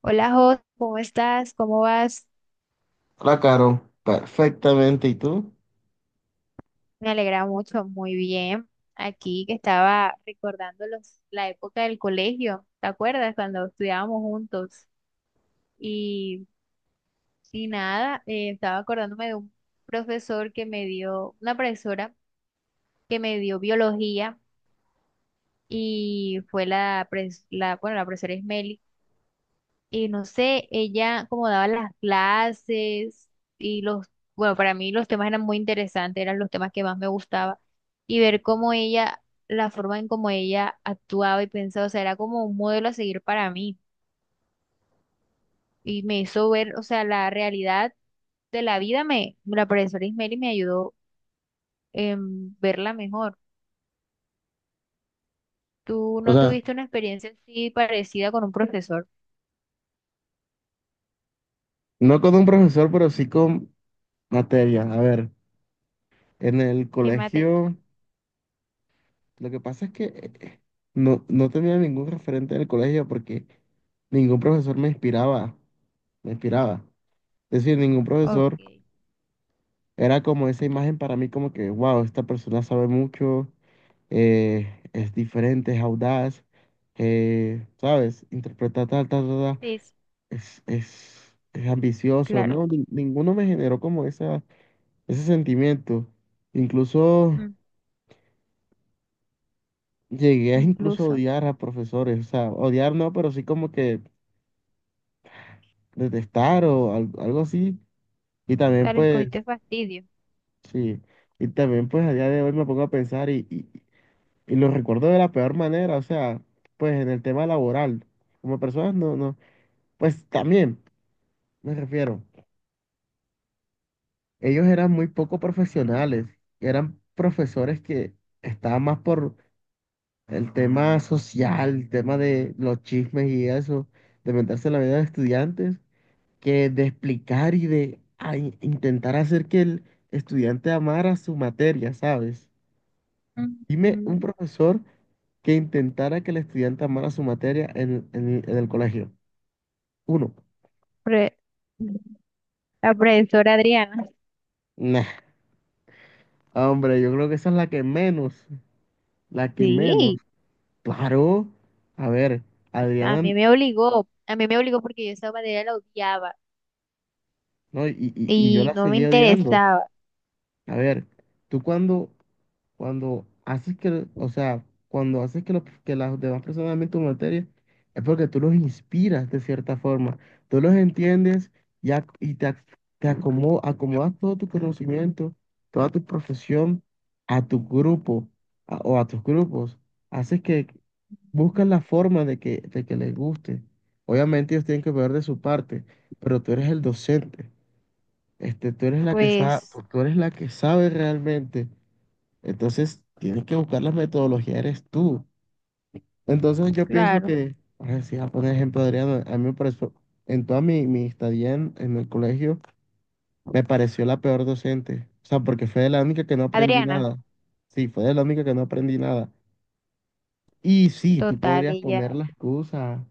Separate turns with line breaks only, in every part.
Hola, Jos, ¿cómo estás? ¿Cómo vas?
La Caro, perfectamente. ¿Y tú?
Me alegra mucho, muy bien. Aquí que estaba recordando la época del colegio, ¿te acuerdas? Cuando estudiábamos juntos. Y, y nada, estaba acordándome de un profesor que me dio, una profesora que me dio biología y fue la, pres- la bueno, la profesora Ismeli, y no sé, ella como daba las clases y bueno, para mí los temas eran muy interesantes, eran los temas que más me gustaba, y ver cómo ella, la forma en cómo ella actuaba y pensaba, o sea, era como un modelo a seguir para mí, y me hizo ver, o sea, la realidad de la vida. Me, la profesora Ismeri, me ayudó en verla mejor. ¿Tú
O
no
sea,
tuviste una experiencia así parecida con un profesor?
no con un profesor, pero sí con materia. A ver, en el
¿Qué materia?
colegio, lo que pasa es que eh, no tenía ningún referente en el colegio porque ningún profesor me inspiraba, me inspiraba. Es decir, ningún
Ok.
profesor
Sí,
era como esa imagen para mí como que, wow, esta persona sabe mucho, es diferente, es audaz, ¿sabes? Interpreta tal, tal, tal, tal.
sí.
Es ambicioso,
Claro.
¿no? Ninguno me generó como esa, ese sentimiento. Incluso
mm,
llegué a incluso
Incluso.
odiar a profesores, o sea, odiar no, pero sí como que detestar o algo así. Y también
Dale,
pues,
escogiste fastidio.
sí, y también pues a día de hoy me pongo a pensar y lo recuerdo de la peor manera, o sea, pues en el tema laboral, como personas no, no, pues también me refiero. Ellos eran muy poco profesionales, eran profesores que estaban más por el tema social, el tema de los chismes y eso, de meterse en la vida de estudiantes, que de explicar y de intentar hacer que el estudiante amara su materia, ¿sabes? Dime
Ujú.
un profesor que intentara que el estudiante amara su materia en el colegio. Uno.
Pre- la profesora Adriana.
Nah, hombre, yo creo que esa es la que menos, la que menos.
Sí,
Claro, a ver,
a
Adriana,
mí me obligó. A mí me obligó porque yo esa materia la odiaba
no, y yo
y
la
no me
seguí odiando.
interesaba.
A ver, tú cuando Cuando haces que, o sea, cuando haces que, que las demás personas amen tu materia, es porque tú los inspiras de cierta forma. Tú los entiendes y te, te acomodas todo tu conocimiento, toda tu profesión a tu grupo o a tus grupos. Haces que buscas la forma de que les guste. Obviamente ellos tienen que ver de su parte, pero tú eres el docente. Este, tú eres la que sabe, tú
Pues,
tú eres la que sabe realmente, entonces, tienes que buscar las metodologías eres tú. Entonces, yo pienso
claro.
que, ahora sí, a poner ejemplo, Adriano, a mí me pareció, en toda mi estadía en el colegio, me pareció la peor docente. O sea, porque fue de la única que no aprendí
Adriana,
nada. Sí, fue de la única que no aprendí nada. Y sí, tú
total,
podrías poner
ella,
la excusa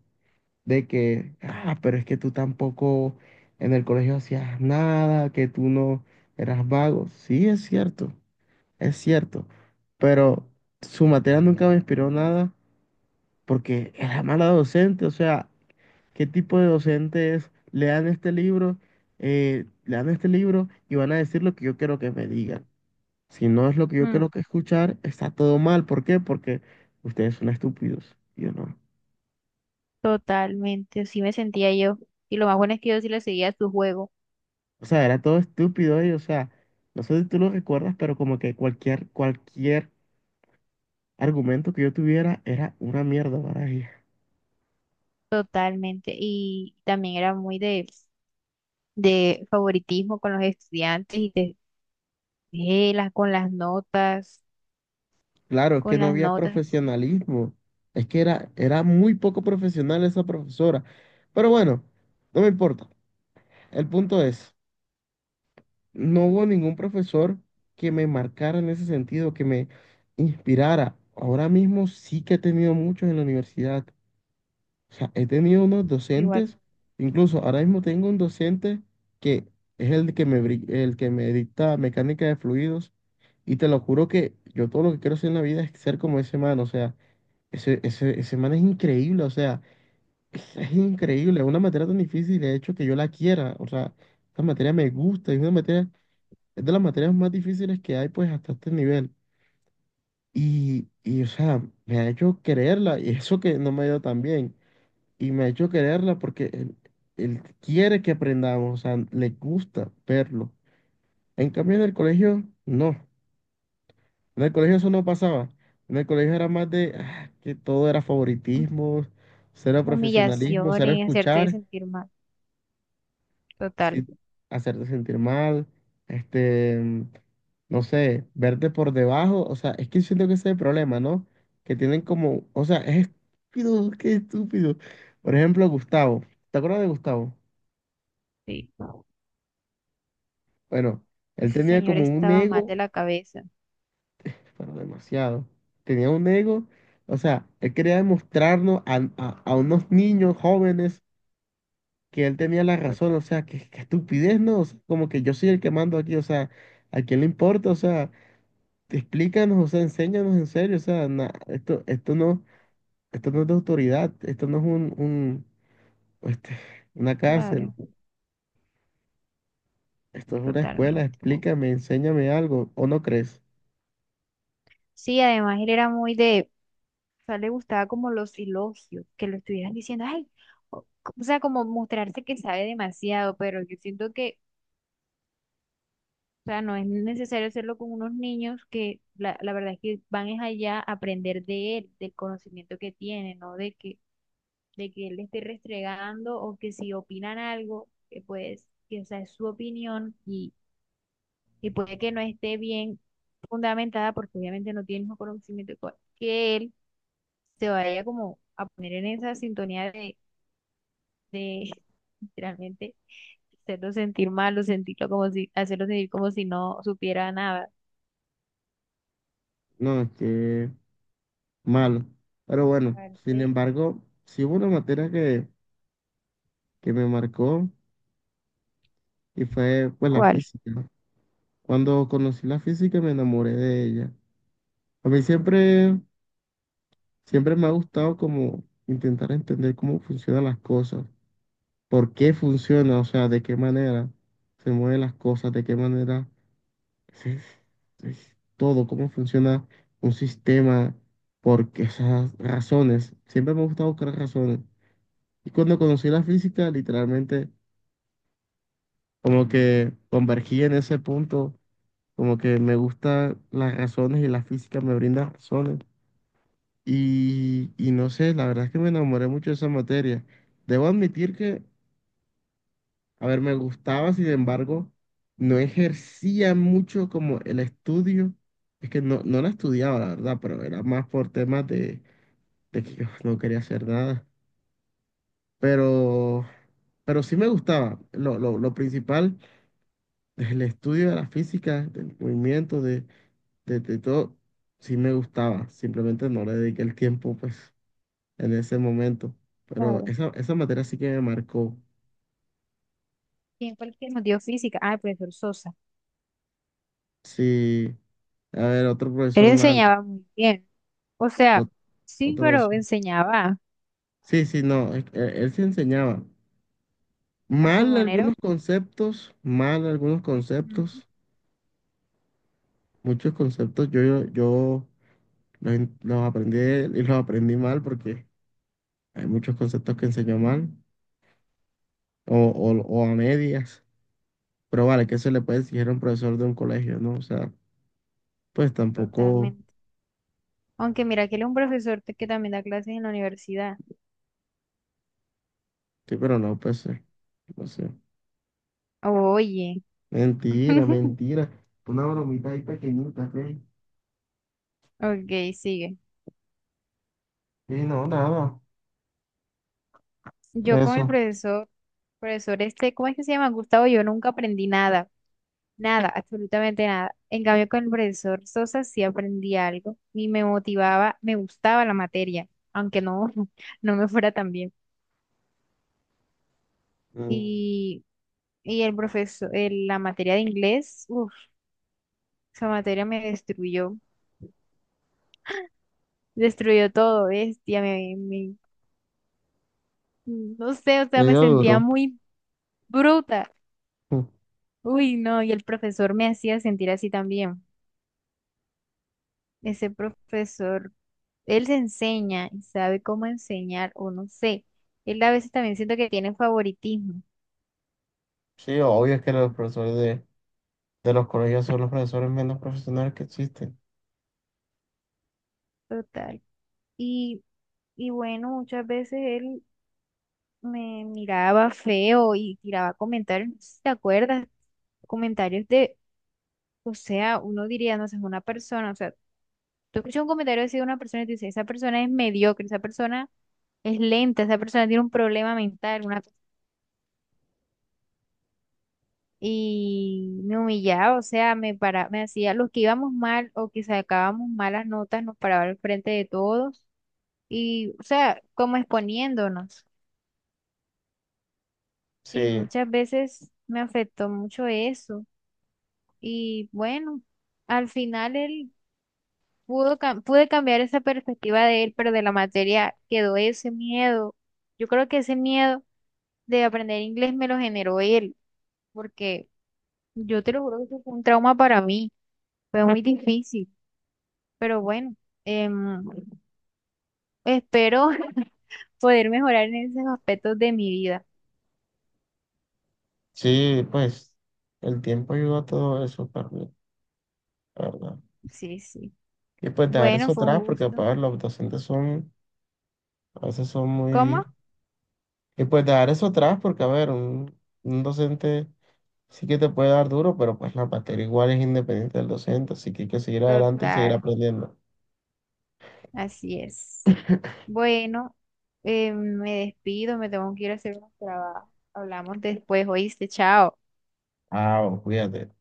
de que, ah, pero es que tú tampoco en el colegio hacías nada, que tú no eras vago. Sí, es cierto. Es cierto, pero su materia nunca me inspiró nada porque era mala docente, o sea, ¿qué tipo de docente es? Le dan este libro, le dan este libro y van a decir lo que yo quiero que me digan. Si no es lo que yo
mm,
quiero que escuchar, está todo mal. ¿Por qué? Porque ustedes son estúpidos, y yo no.
totalmente. Así me sentía yo. Y lo más bueno es que yo sí le seguía su juego,
O sea, era todo estúpido y, o sea, no sé si tú lo recuerdas, pero como que cualquier argumento que yo tuviera era una mierda para ellos.
totalmente. Y también era muy de favoritismo con los estudiantes y de, con las notas,
Claro, es que
con
no
las
había
notas.
profesionalismo. Es que era muy poco profesional esa profesora. Pero bueno, no me importa. El punto es, no hubo ningún profesor que me marcara en ese sentido, que me inspirara. Ahora mismo sí que he tenido muchos en la universidad. O sea, he tenido unos
Igual,
docentes, incluso ahora mismo tengo un docente que es el que me, el que me dicta mecánica de fluidos. Y te lo juro que yo todo lo que quiero hacer en la vida es ser como ese man. O sea, ese man es increíble, o sea, es increíble, una materia tan difícil, de hecho, que yo la quiera, o sea, esta materia me gusta, es una materia, es de las materias más difíciles que hay, pues, hasta este nivel, o sea, me ha hecho quererla, y eso que no me ha ido tan bien, y me ha hecho quererla porque él quiere que aprendamos, o sea, le gusta verlo, en cambio en el colegio, no. En el colegio eso no pasaba. En el colegio era más de ah, que todo era
hum-
favoritismo, cero profesionalismo, cero
humillaciones, hacerte
escuchar,
sentir mal. Total,
sí, hacerte sentir mal, este, no sé, verte por debajo. O sea, es que siento que ese es el problema, ¿no? Que tienen como, o sea, es estúpido, qué estúpido. Por ejemplo, Gustavo. ¿Te acuerdas de Gustavo?
sí.
Bueno, él
Ese
tenía
señor
como un
estaba mal de
ego,
la cabeza.
pero demasiado. Tenía un ego, o sea, él quería demostrarnos a, a unos niños jóvenes que él tenía la razón, o
Total,
sea, que estupidez, ¿no? O sea, como que yo soy el que mando aquí, o sea, ¿a quién le importa? O sea, explícanos, o sea, enséñanos en serio, o sea, esto no es de autoridad, esto no es este, una
claro,
cárcel, esto es una escuela,
totalmente.
explícame, enséñame algo, ¿o no crees?
Sí, además él era muy de, o sea, le gustaba como los elogios, que lo estuvieran diciendo, ay, o, o sea, como mostrarse que sabe demasiado, pero yo siento que, o sea, no es necesario hacerlo con unos niños que la verdad es que van es allá a aprender de él, del conocimiento que tiene, ¿no? De que él le esté restregando, o que si opinan algo, que pues, que o sea, es su opinión, y puede que no esté bien fundamentada porque obviamente no tiene el mismo conocimiento que él, se vaya como a poner en esa sintonía de literalmente hacerlo sentir mal o sentirlo como si, hacerlo sentir como si no supiera nada.
No, es que malo. Pero bueno, sin
Parte-
embargo, sí hubo una materia que me marcó y fue pues la
¿Cuál?
física. Cuando conocí la física me enamoré de ella. A mí siempre, siempre me ha gustado como intentar entender cómo funcionan las cosas, por qué funciona, o sea, de qué manera se mueven las cosas, de qué manera es- es todo, cómo funciona un sistema, por qué esas razones. Siempre me ha gustado buscar razones. Y cuando conocí la física, literalmente, como que convergí en ese punto, como que me gustan las razones y la física me brinda razones. No sé, la verdad es que me enamoré mucho de esa materia. Debo admitir que, a ver, me gustaba, sin embargo, no ejercía mucho como el estudio. Es que no la estudiaba, la verdad, pero era más por temas de que yo no quería hacer nada. Pero, pero sí me gustaba. Lo principal, el estudio de la física, del movimiento, de todo, sí me gustaba. Simplemente no le dediqué el tiempo, pues, en ese momento. Pero
Claro.
esa materia sí que me marcó.
¿Quién fue el que nos dio física? Ah, el profesor Sosa.
Sí, a ver, otro
Él
profesor mal,
enseñaba muy bien. O sea,
ot-
sí,
otro... Sí,
pero enseñaba.
sí, sí, no, es que él sí enseñaba.
A su manera.
Mal algunos
Ujú.
conceptos, muchos conceptos yo los, los aprendí y los aprendí mal porque hay muchos conceptos que enseñó mal o, o a medias, pero vale, que se le puede exigir a un profesor de un colegio, ¿no? O sea, pues tampoco,
Totalmente. Aunque mira que él es que también da clases en la universidad.
sí, pero no, pues, no sé.
Oye.
Mentira, mentira. Una bromita ahí pequeñita, ¿qué?
Ok, sigue.
Sí, no, nada.
Yo con el
Eso.
profesor, profesor este, ¿cómo es que se llama? Gustavo, yo nunca aprendí nada. Nada, absolutamente nada. En cambio, con el profesor Sosa sí aprendí algo y me motivaba, me gustaba la materia, aunque no, no me fuera tan bien.
Mm.
Y, y el profesor, la materia de inglés, uff, esa materia me destruyó. Destruyó todo, bestia, no sé, o sea,
Le
me
dio duro.
sentía muy bruta.
Mm.
Uy, no, y el profesor me hacía sentir así también. Ese profesor, él se enseña y sabe cómo enseñar, o no sé. Él a veces también siento que tiene favoritismo,
Sí, obvio es que los profesores de los colegios son los profesores menos profesionales que existen.
total. Y, y bueno, muchas veces él me miraba feo y tiraba comentarios, no sé si te acuerdas, comentarios de, o sea, uno diría, no sé, es una persona, o sea, tú escuchas un comentario así de una persona y te dice, esa persona es mediocre, esa persona es lenta, esa persona tiene un problema mental, una cosa. Y me humillaba, o sea, me para, me hacía los que íbamos mal o que sacábamos malas notas, nos paraba al frente de todos y, o sea, como exponiéndonos. Y
Sí,
muchas veces me afectó mucho eso. Y bueno, al final él pude cambiar esa perspectiva de él, pero de la materia quedó ese miedo. Yo creo que ese miedo de aprender inglés me lo generó él, porque yo te lo juro que eso fue un trauma para mí, fue muy difícil, pero bueno, em, espero poder mejorar en esos aspectos de mi vida.
sí, pues el tiempo ayuda a todo eso también, ¿la verdad?
Sí, sí.
Y pues dejar
Bueno,
eso
fue un
atrás porque,
gusto.
pues, los docentes son, a veces son
¿Cómo?
muy... Y pues dejar eso atrás, porque a ver, un docente sí que te puede dar duro, pero pues la materia igual es independiente del docente, así que hay que seguir adelante y seguir
Total,
aprendiendo.
así es. Bueno, me despido, me tengo que ir a hacer unos trabajos. Hablamos después, oíste, chao.
Ah, cuídate.